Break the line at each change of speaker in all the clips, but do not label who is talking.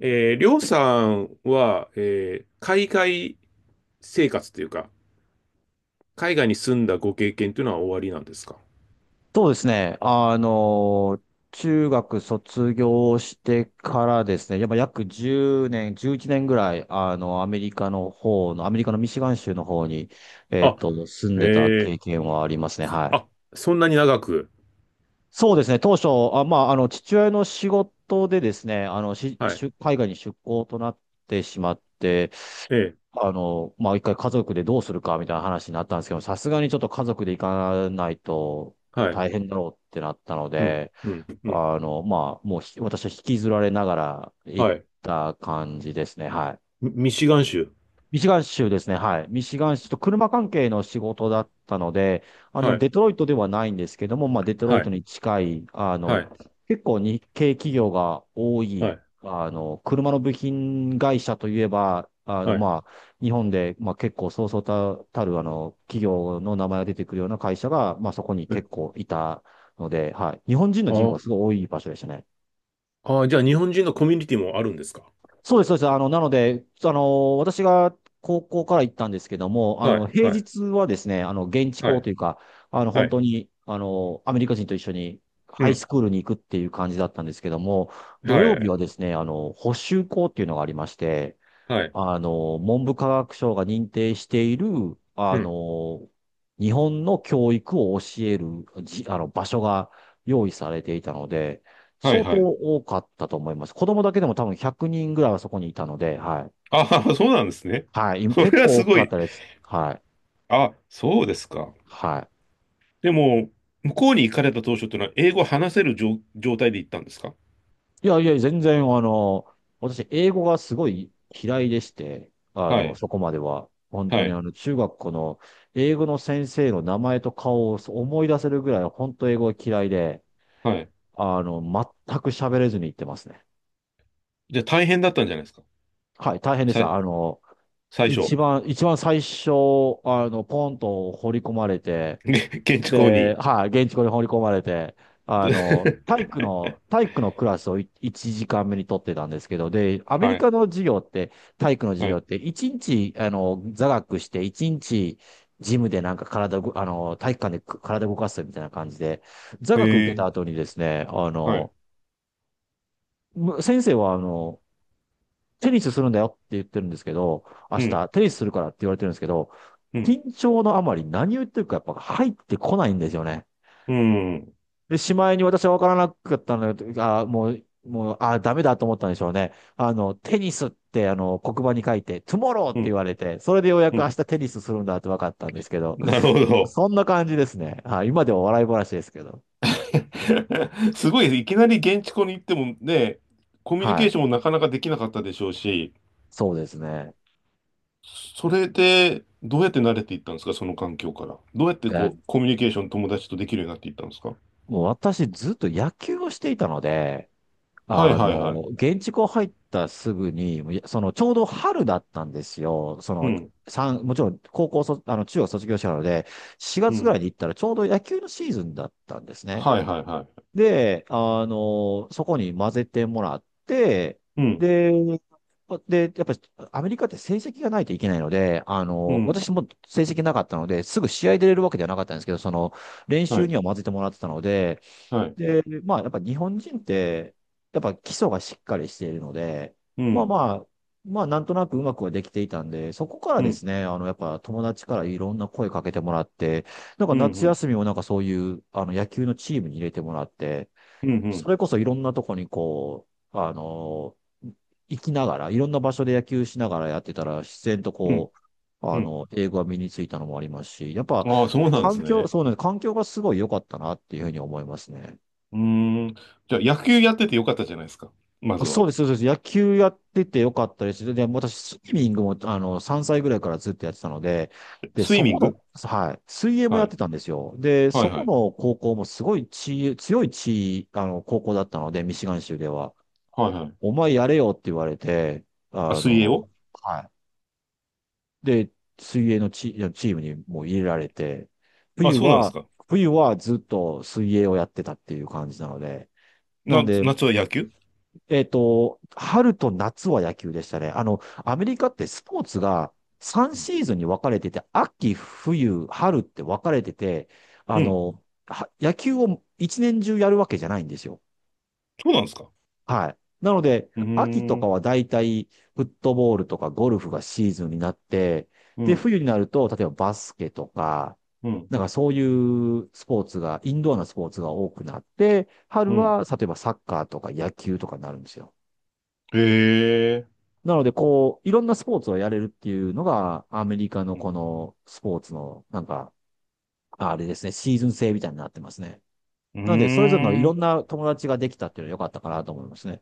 りょうさんは、海外生活というか、海外に住んだご経験というのは終わりなんですか？
そうですね。中学卒業してからですね、やっぱ約10年、11年ぐらい、アメリカの方の、アメリカのミシガン州の方に、住んでた
あ、ええ。
経験はありますね。はい。
あ、そんなに長く。
そうですね。当初、まあ、父親の仕事でですね、
はい。
出海外に出向となってしまって、
ええ。
まあ、一回家族でどうするかみたいな話になったんですけど、さすがにちょっと家族で行かないと
はい。
大変だろうってなったの
うん、
で、
うん、うん。
まあ、もうひ私は引きずられながら行っ
はい。
た感じですね。はい。
ミシガン州。
ミシガン州ですね。はい。ミシガン州と車関係の仕事だったので、
はい、
デトロイトではないんですけども、まあ、デトロ
は
イト
い、
に近い、
はい、
結構日系企業が多
は
い、
い、
車の部品会社といえば、
はい。
まあ、日本で、まあ、結構そうそうたる、企業の名前が出てくるような会社が、まあ、そこに
え。
結構いたので、はい。日本人の人口は
あ、
すごい多い場所でしたね。
あ、じゃあ日本人のコミュニティもあるんですか？
そうです、そうです。なので、私が高校から行ったんですけども、
はい、
平
はい、
日はですね、現地
は
校
い、
というか、
は
本
い。
当に、アメリカ人と一緒に
う
ハイ
ん、
スクールに行くっていう感じだったんですけども、土
はい、
曜
は
日は
い、
ですね、補習校っていうのがありまして、
はい。
文部科学省が認定している、
う
あ
ん。
の、日本の教育を教える、じ、あの、場所が用意されていたので、
はい、
相当
はい。
多かったと思います。子供だけでも多分100人ぐらいはそこにいたので、はい。
ああ、そうなんですね。
はい。今
そ
結
れは
構
す
多
ご
かっ
い。
たです。はい。
あ、そうですか。
はい。
でも、向こうに行かれた当初というのは、英語を話せる状態で行ったんですか？
いやいや、全然、私、英語がすごい嫌いでして、あ
は
の、
い、
そこまでは。本当
は
に、
い、
中学校の英語の先生の名前と顔を思い出せるぐらい、本当英語が嫌いで、
はい。
全く喋れずに行ってますね。
じゃあ大変だったんじゃないですか？
はい、大変でし
さ
た。
い、最
一
初。
番、一番最初、ポンと放り込まれて、
ね、現地校
で、
に。
はい、現地校に放り込まれて、体育のクラスを1時間目に取ってたんですけど、で、アメ
は
リ
い、
カの授業って、体育の授
は
業
い。
って、1日、座学して、1日、ジムでなんか体を、あの、体育館で体を動かすみたいな感じで、座
へ
学受け
え、
た後にですね、
はい。
先生は、あの、テニスするんだよって言ってるんですけど、明
うん、
日、テニスするからって言われてるんですけど、
うん、
緊張のあまり何を言ってるかやっぱ入ってこないんですよね。
うん、
で、しまいに私は分からなかったので、あ、もう、もう、あ、ダメだと思ったんでしょうね。テニスって、黒板に書いて、トゥモローって
う
言
ん、
われて、それでようや
う
く明
ん。
日テニスするんだって分かったんですけど、
なるほど。
そんな感じですね。はい。今では笑い話ですけど。
すごい、いきなり現地校に行ってもね、コミュニ
は
ケー
い。
ションもなかなかできなかったでしょうし、
そうですね。
それで、どうやって慣れていったんですか、その環境から。どうやって
い
こう、
や
コミュニケーション友達とできるようになっていったんですか？
もう私ずっと野球をしていたので、
はいはいはい。
現地校入ったすぐに、いやその、ちょうど春だったんですよ。
うん、
もちろん高校卒、あの、中学卒業したので、4
う
月ぐら
ん。
いに行ったらちょうど野球のシーズンだったんですね。
はいはいはい。
で、そこに混ぜてもらって、
うん、
で、で、やっぱりアメリカって成績がないといけないので、
うん。
私も成績なかったので、すぐ試合出れるわけではなかったんですけど、その、練
は
習
い、
には混ぜてもらってたので、
はい。
で、まあ、やっぱ日本人って、やっぱ基礎がしっかりしているので、
う
まあ
ん、
まあ、まあ、なんとなくうまくはできていたんで、そこから
う
で
ん、
すね、やっぱ友達からいろんな声かけてもらって、なんか
うん、
夏
うん、
休みもなんかそういう、野球のチームに入れてもらって、
うん、う
そ
ん、
れこそいろんなとこにこう、あの、行きながら、いろんな場所で野球しながらやってたら、自然と
うん。
こう、
う
あ
ん。
の、英語が身についたのもありますし、やっぱ、
ああ、そうなんで
環
す
境、
ね。
そうね、環境がすごい良かったなっていうふうに思いますね。
うーん。じゃあ、野球やっててよかったじゃないですか。まず
そう
は。
です、そうです。野球やっててよかったです。で、私、スイミングも、3歳ぐらいからずっとやってたので、で、
スイ
そ
ミン
この、
グ。
はい、水泳もや
は
っ
い。
てたんですよ。で、
はい
そ
は
こ
い。
の高校もすごい地、強い地、あの、高校だったので、ミシガン州では。
はいはい。
お前やれよって言われて、
あ、
あ
水泳
の、
を。
はい。で、水泳のチームにもう入れられて、
あ、
冬
そうなんです
は、
か。
冬はずっと水泳をやってたっていう感じなので、な
な、
んで、
夏は野球。
えっと、春と夏は野球でしたね。アメリカってスポーツが3
うん。
シーズンに分かれてて、秋、冬、春って分かれてて、
うん。
野球を一年中やるわけじゃないんですよ。
そうなんですか。
はい。なので、
うー
秋とか
ん、
はだいたいフットボールとかゴルフがシーズンになって、
う
で、
ん、
冬になると、例えばバスケとか、
うん、
なんかそういうスポーツが、インドアなスポーツが多くなって、
う
春
ん。
は、例えばサッカーとか野球とかになるんですよ。
へえ。
なので、こう、いろんなスポーツをやれるっていうのが、アメリカの
うん。
このスポーツの、なんか、あれですね、シーズン制みたいになってますね。
うー
なので、それぞれのいろ
ん。
んな友達ができたっていうのは良かったかなと思いますね。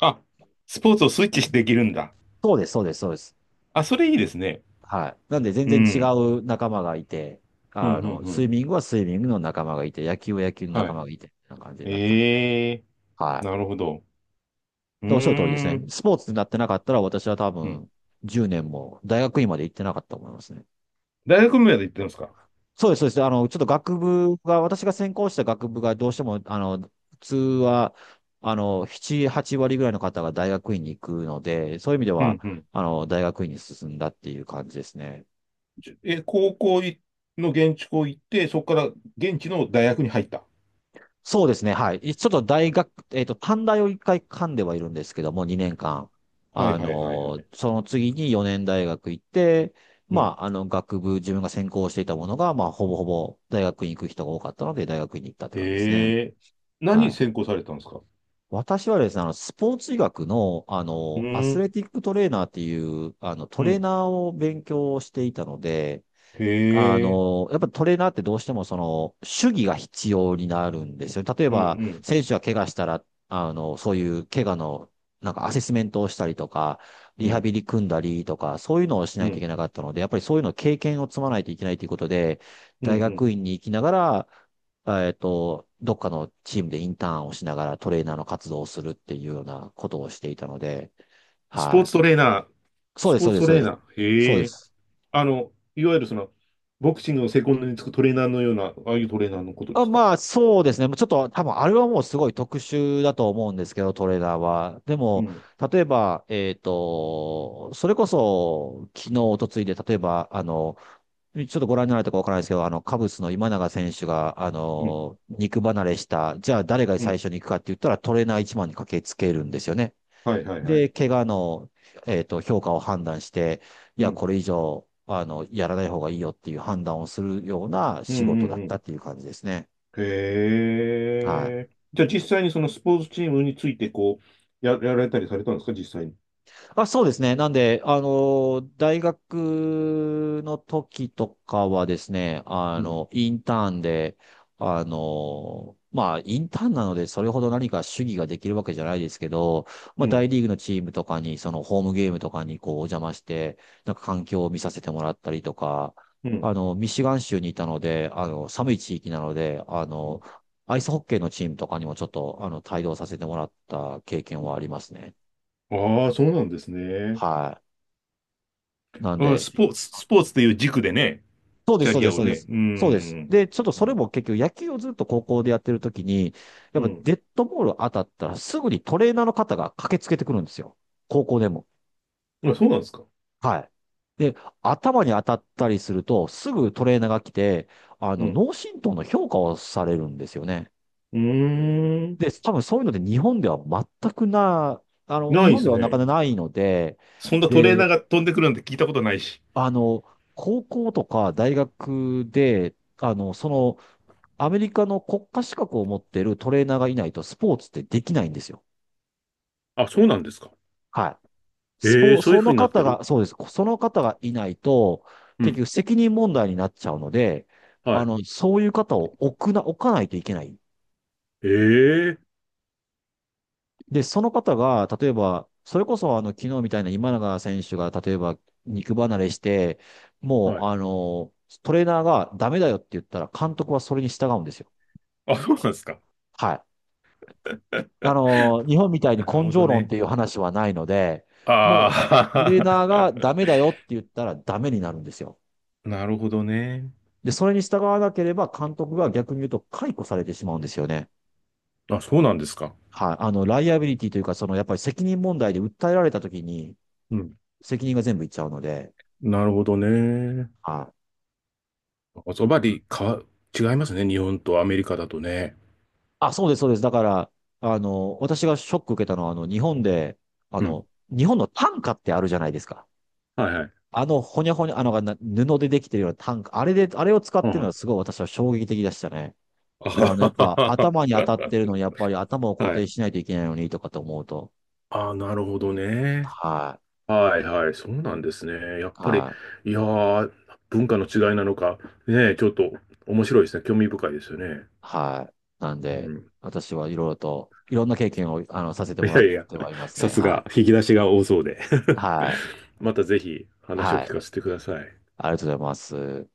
あ、スポーツをスイッチしてできるんだ。
そうです、そうです、そうです。
あ、それいいですね。
はい。なんで、全
う
然違
ん。
う仲間がいて、
うん、うん、う
スイ
ん。
ミングはスイミングの仲間がいて、野球は野球の
は
仲
い。
間がいて、みたいな感じになってたので。
ええ、
は
な
い。
るほど。う
でおっしゃる通りです
ー
ね。
ん。
スポーツになってなかったら、私は多
うん。
分、10年も大学院まで行ってなかったと思いますね。
大学まで行ってますか？
そうです、そうです。ちょっと学部が、私が専攻した学部がどうしても、普通は、7、8割ぐらいの方が大学院に行くので、そういう意味で
う
は、
ん、うん。
大学院に進んだっていう感じですね。
じゃ、高校の現地校行って、そこから現地の大学に入った。
そうですね、はい。ちょっと大学、えっと、短大を一回噛んではいるんですけども、2年間。
はい、はい、はい、はい。
その次に4年大学行って、
う
ま
ん。
あ、自分が専攻していたものが、まあ、ほぼほぼ大学院行く人が多かったので、大学院に行ったって感じですね。
ええ。
は
何専
い。
攻されたんですか？
私はですね、スポーツ医学の、
う
アス
ん、
レティックトレーナーっていう、
う
トレー
ん。
ナーを勉強していたので、
へえ。
やっぱトレーナーってどうしてもその、主義が必要になるんですよ。例え
う
ば、
ん、
選手が怪我したら、そういう怪我の、なんかアセスメントをしたりとか、
う
リ
ん、う
ハ
ん、
ビリ組んだりとか、そういうのをし
う
ないとい
ん、
けなかったので、やっぱりそういうの経験を積まないといけないということで、
うん、
大
うん、
学院に行きながら、どっかのチームでインターンをしながらトレーナーの活動をするっていうようなことをしていたので、
スポ
は
ーツト
い。
レーナー、
そう
ス
です、
ポ
そ
ー
う
ツ
です、
ト
そう
レー
です。
ナー、
そう
へ
で
え。
す。
あの、いわゆるその、ボクシングのセコンドにつくトレーナーのような、ああいうトレーナーのことで
あ、
すか？
まあ、そうですね。もうちょっと、多分、あれはもうすごい特殊だと思うんですけど、トレーダーは。で
う
も、
ん、
例えば、それこそ、昨日、一昨日で、例えば、ちょっとご覧になられたかわからないですけど、あの、カブスの今永選手が、
うん、
肉離れした、じゃあ誰が
う
最
ん。
初に行くかって言ったら、トレーナー一番に駆けつけるんですよね。
はい、はい、はい。
で、怪我の、評価を判断して、い
う
や、
ん、
これ以上、やらない方がいいよっていう判断をするような
うん、
仕
う
事
ん、
だっ
う
た
ん。
っていう感じですね。
へ
はい。
え。じゃあ実際にそのスポーツチームについて、こう、やられたりされたんですか、実際に。
あ、そうですね。なんで、あの、大学の時とかはですね、
うん、
インターンで、まあ、インターンなので、それほど何か主義ができるわけじゃないですけど、ま
う
あ、
ん、
大リーグのチームとかに、そのホームゲームとかにこう、お邪魔して、なんか環境を見させてもらったりとか、
う
あ
ん。
の、ミシガン州にいたので、あの、寒い地域なので、
うん。
アイスホッケーのチームとかにもちょっと、帯同させてもらった経験はありますね。
ああ、そうなんですね。
はい。なん
ああ、
で、
スポーツ、スポーツという軸でね、
そうで
キ
す、
ャ
そう
リ
で
ア
す、
を
そうで
ね。
す。
う
そうです。
ん。
で、ちょっと
う
それ
ん。
も結局野球をずっと高校でやってる時に、やっ
う
ぱ
ん。
デッドボール当たったらすぐにトレーナーの方が駆けつけてくるんですよ。高校でも。
あ、そうなんですか。
はい。で、頭に当たったりすると、すぐトレーナーが来て、あ
う
の、
ん。
脳震盪の評価をされるんですよね。
うーん。
で、多分そういうので日本では全くな、あの、
な
日
いで
本で
す
はなか
ね。
なかないので、
そんなトレーナー
で、
が飛んでくるなんて聞いたことないし。
あの、高校とか大学で、あの、その、アメリカの国家資格を持っているトレーナーがいないとスポーツってできないんですよ。
あ、そうなんですか。
はい。
ええ、そういう
そ
風
の
になっ
方
てる。
が、そうです。その方がいないと、
う
結
ん。
局責任問題になっちゃうので、
は
あ
い。
の、そういう方を置かないといけない。
ええ、
で、その方が、例えば、それこそあの、昨日みたいな今永選手が、例えば、肉離れして、も
は
う、
い。
トレーナーがダメだよって言ったら、監督はそれに従うんですよ。
あ、そうなんですか。
はい。あの、日本みたいに
なる
根
ほど
性論っ
ね。
ていう話はないので、もう、ト
あ
レーナーがダ
あ。
メだよって言ったらダメになるんですよ。
なるほどね。
で、それに従わなければ監督が逆に言うと解雇されてしまうんですよね。
あ、そうなんですか。
はい。あの、ライアビリティというか、その、やっぱり責任問題で訴えられた時に、
うん。
責任が全部いっちゃうので、
なるほどね。
はい。
おそば
うん、
でかわ、違いますね。日本とアメリカだとね。
あ、そうです、そうです。だから、あの、私がショック受けたのは、あの、日本で、あ
うん。
の、日本の単価ってあるじゃないですか。
はいはい。
あの、ほにゃほにゃ、あの、な布でできてるようなタンク、あれで、あれを使っ
うん、
てるの
は
は
い。
すごい私は衝撃的でしたね。
あ
あの、やっ
は
ぱ
はは
頭に当たってるのに、やっぱり頭を
は、
固
はい。
定しないといけないのにとかと思うと、
ああ、なるほどね。
は
はいはい、そうなんですね。やっ
い、
ぱり、
はい、
いやー、文化の違いなのか、ねえ、ちょっと面白いですね。興味深いですよね。
はい。なん
う
で、
ん。
私はいろいろと、いろんな経験を、させて
い
もら
や
っ
いや、
てはいます
さ
ね。
す
は
が、
い、
引き出しが多そうで。
はい、
またぜひ話を
は
聞
い。
かせてください。
ありがとうございます。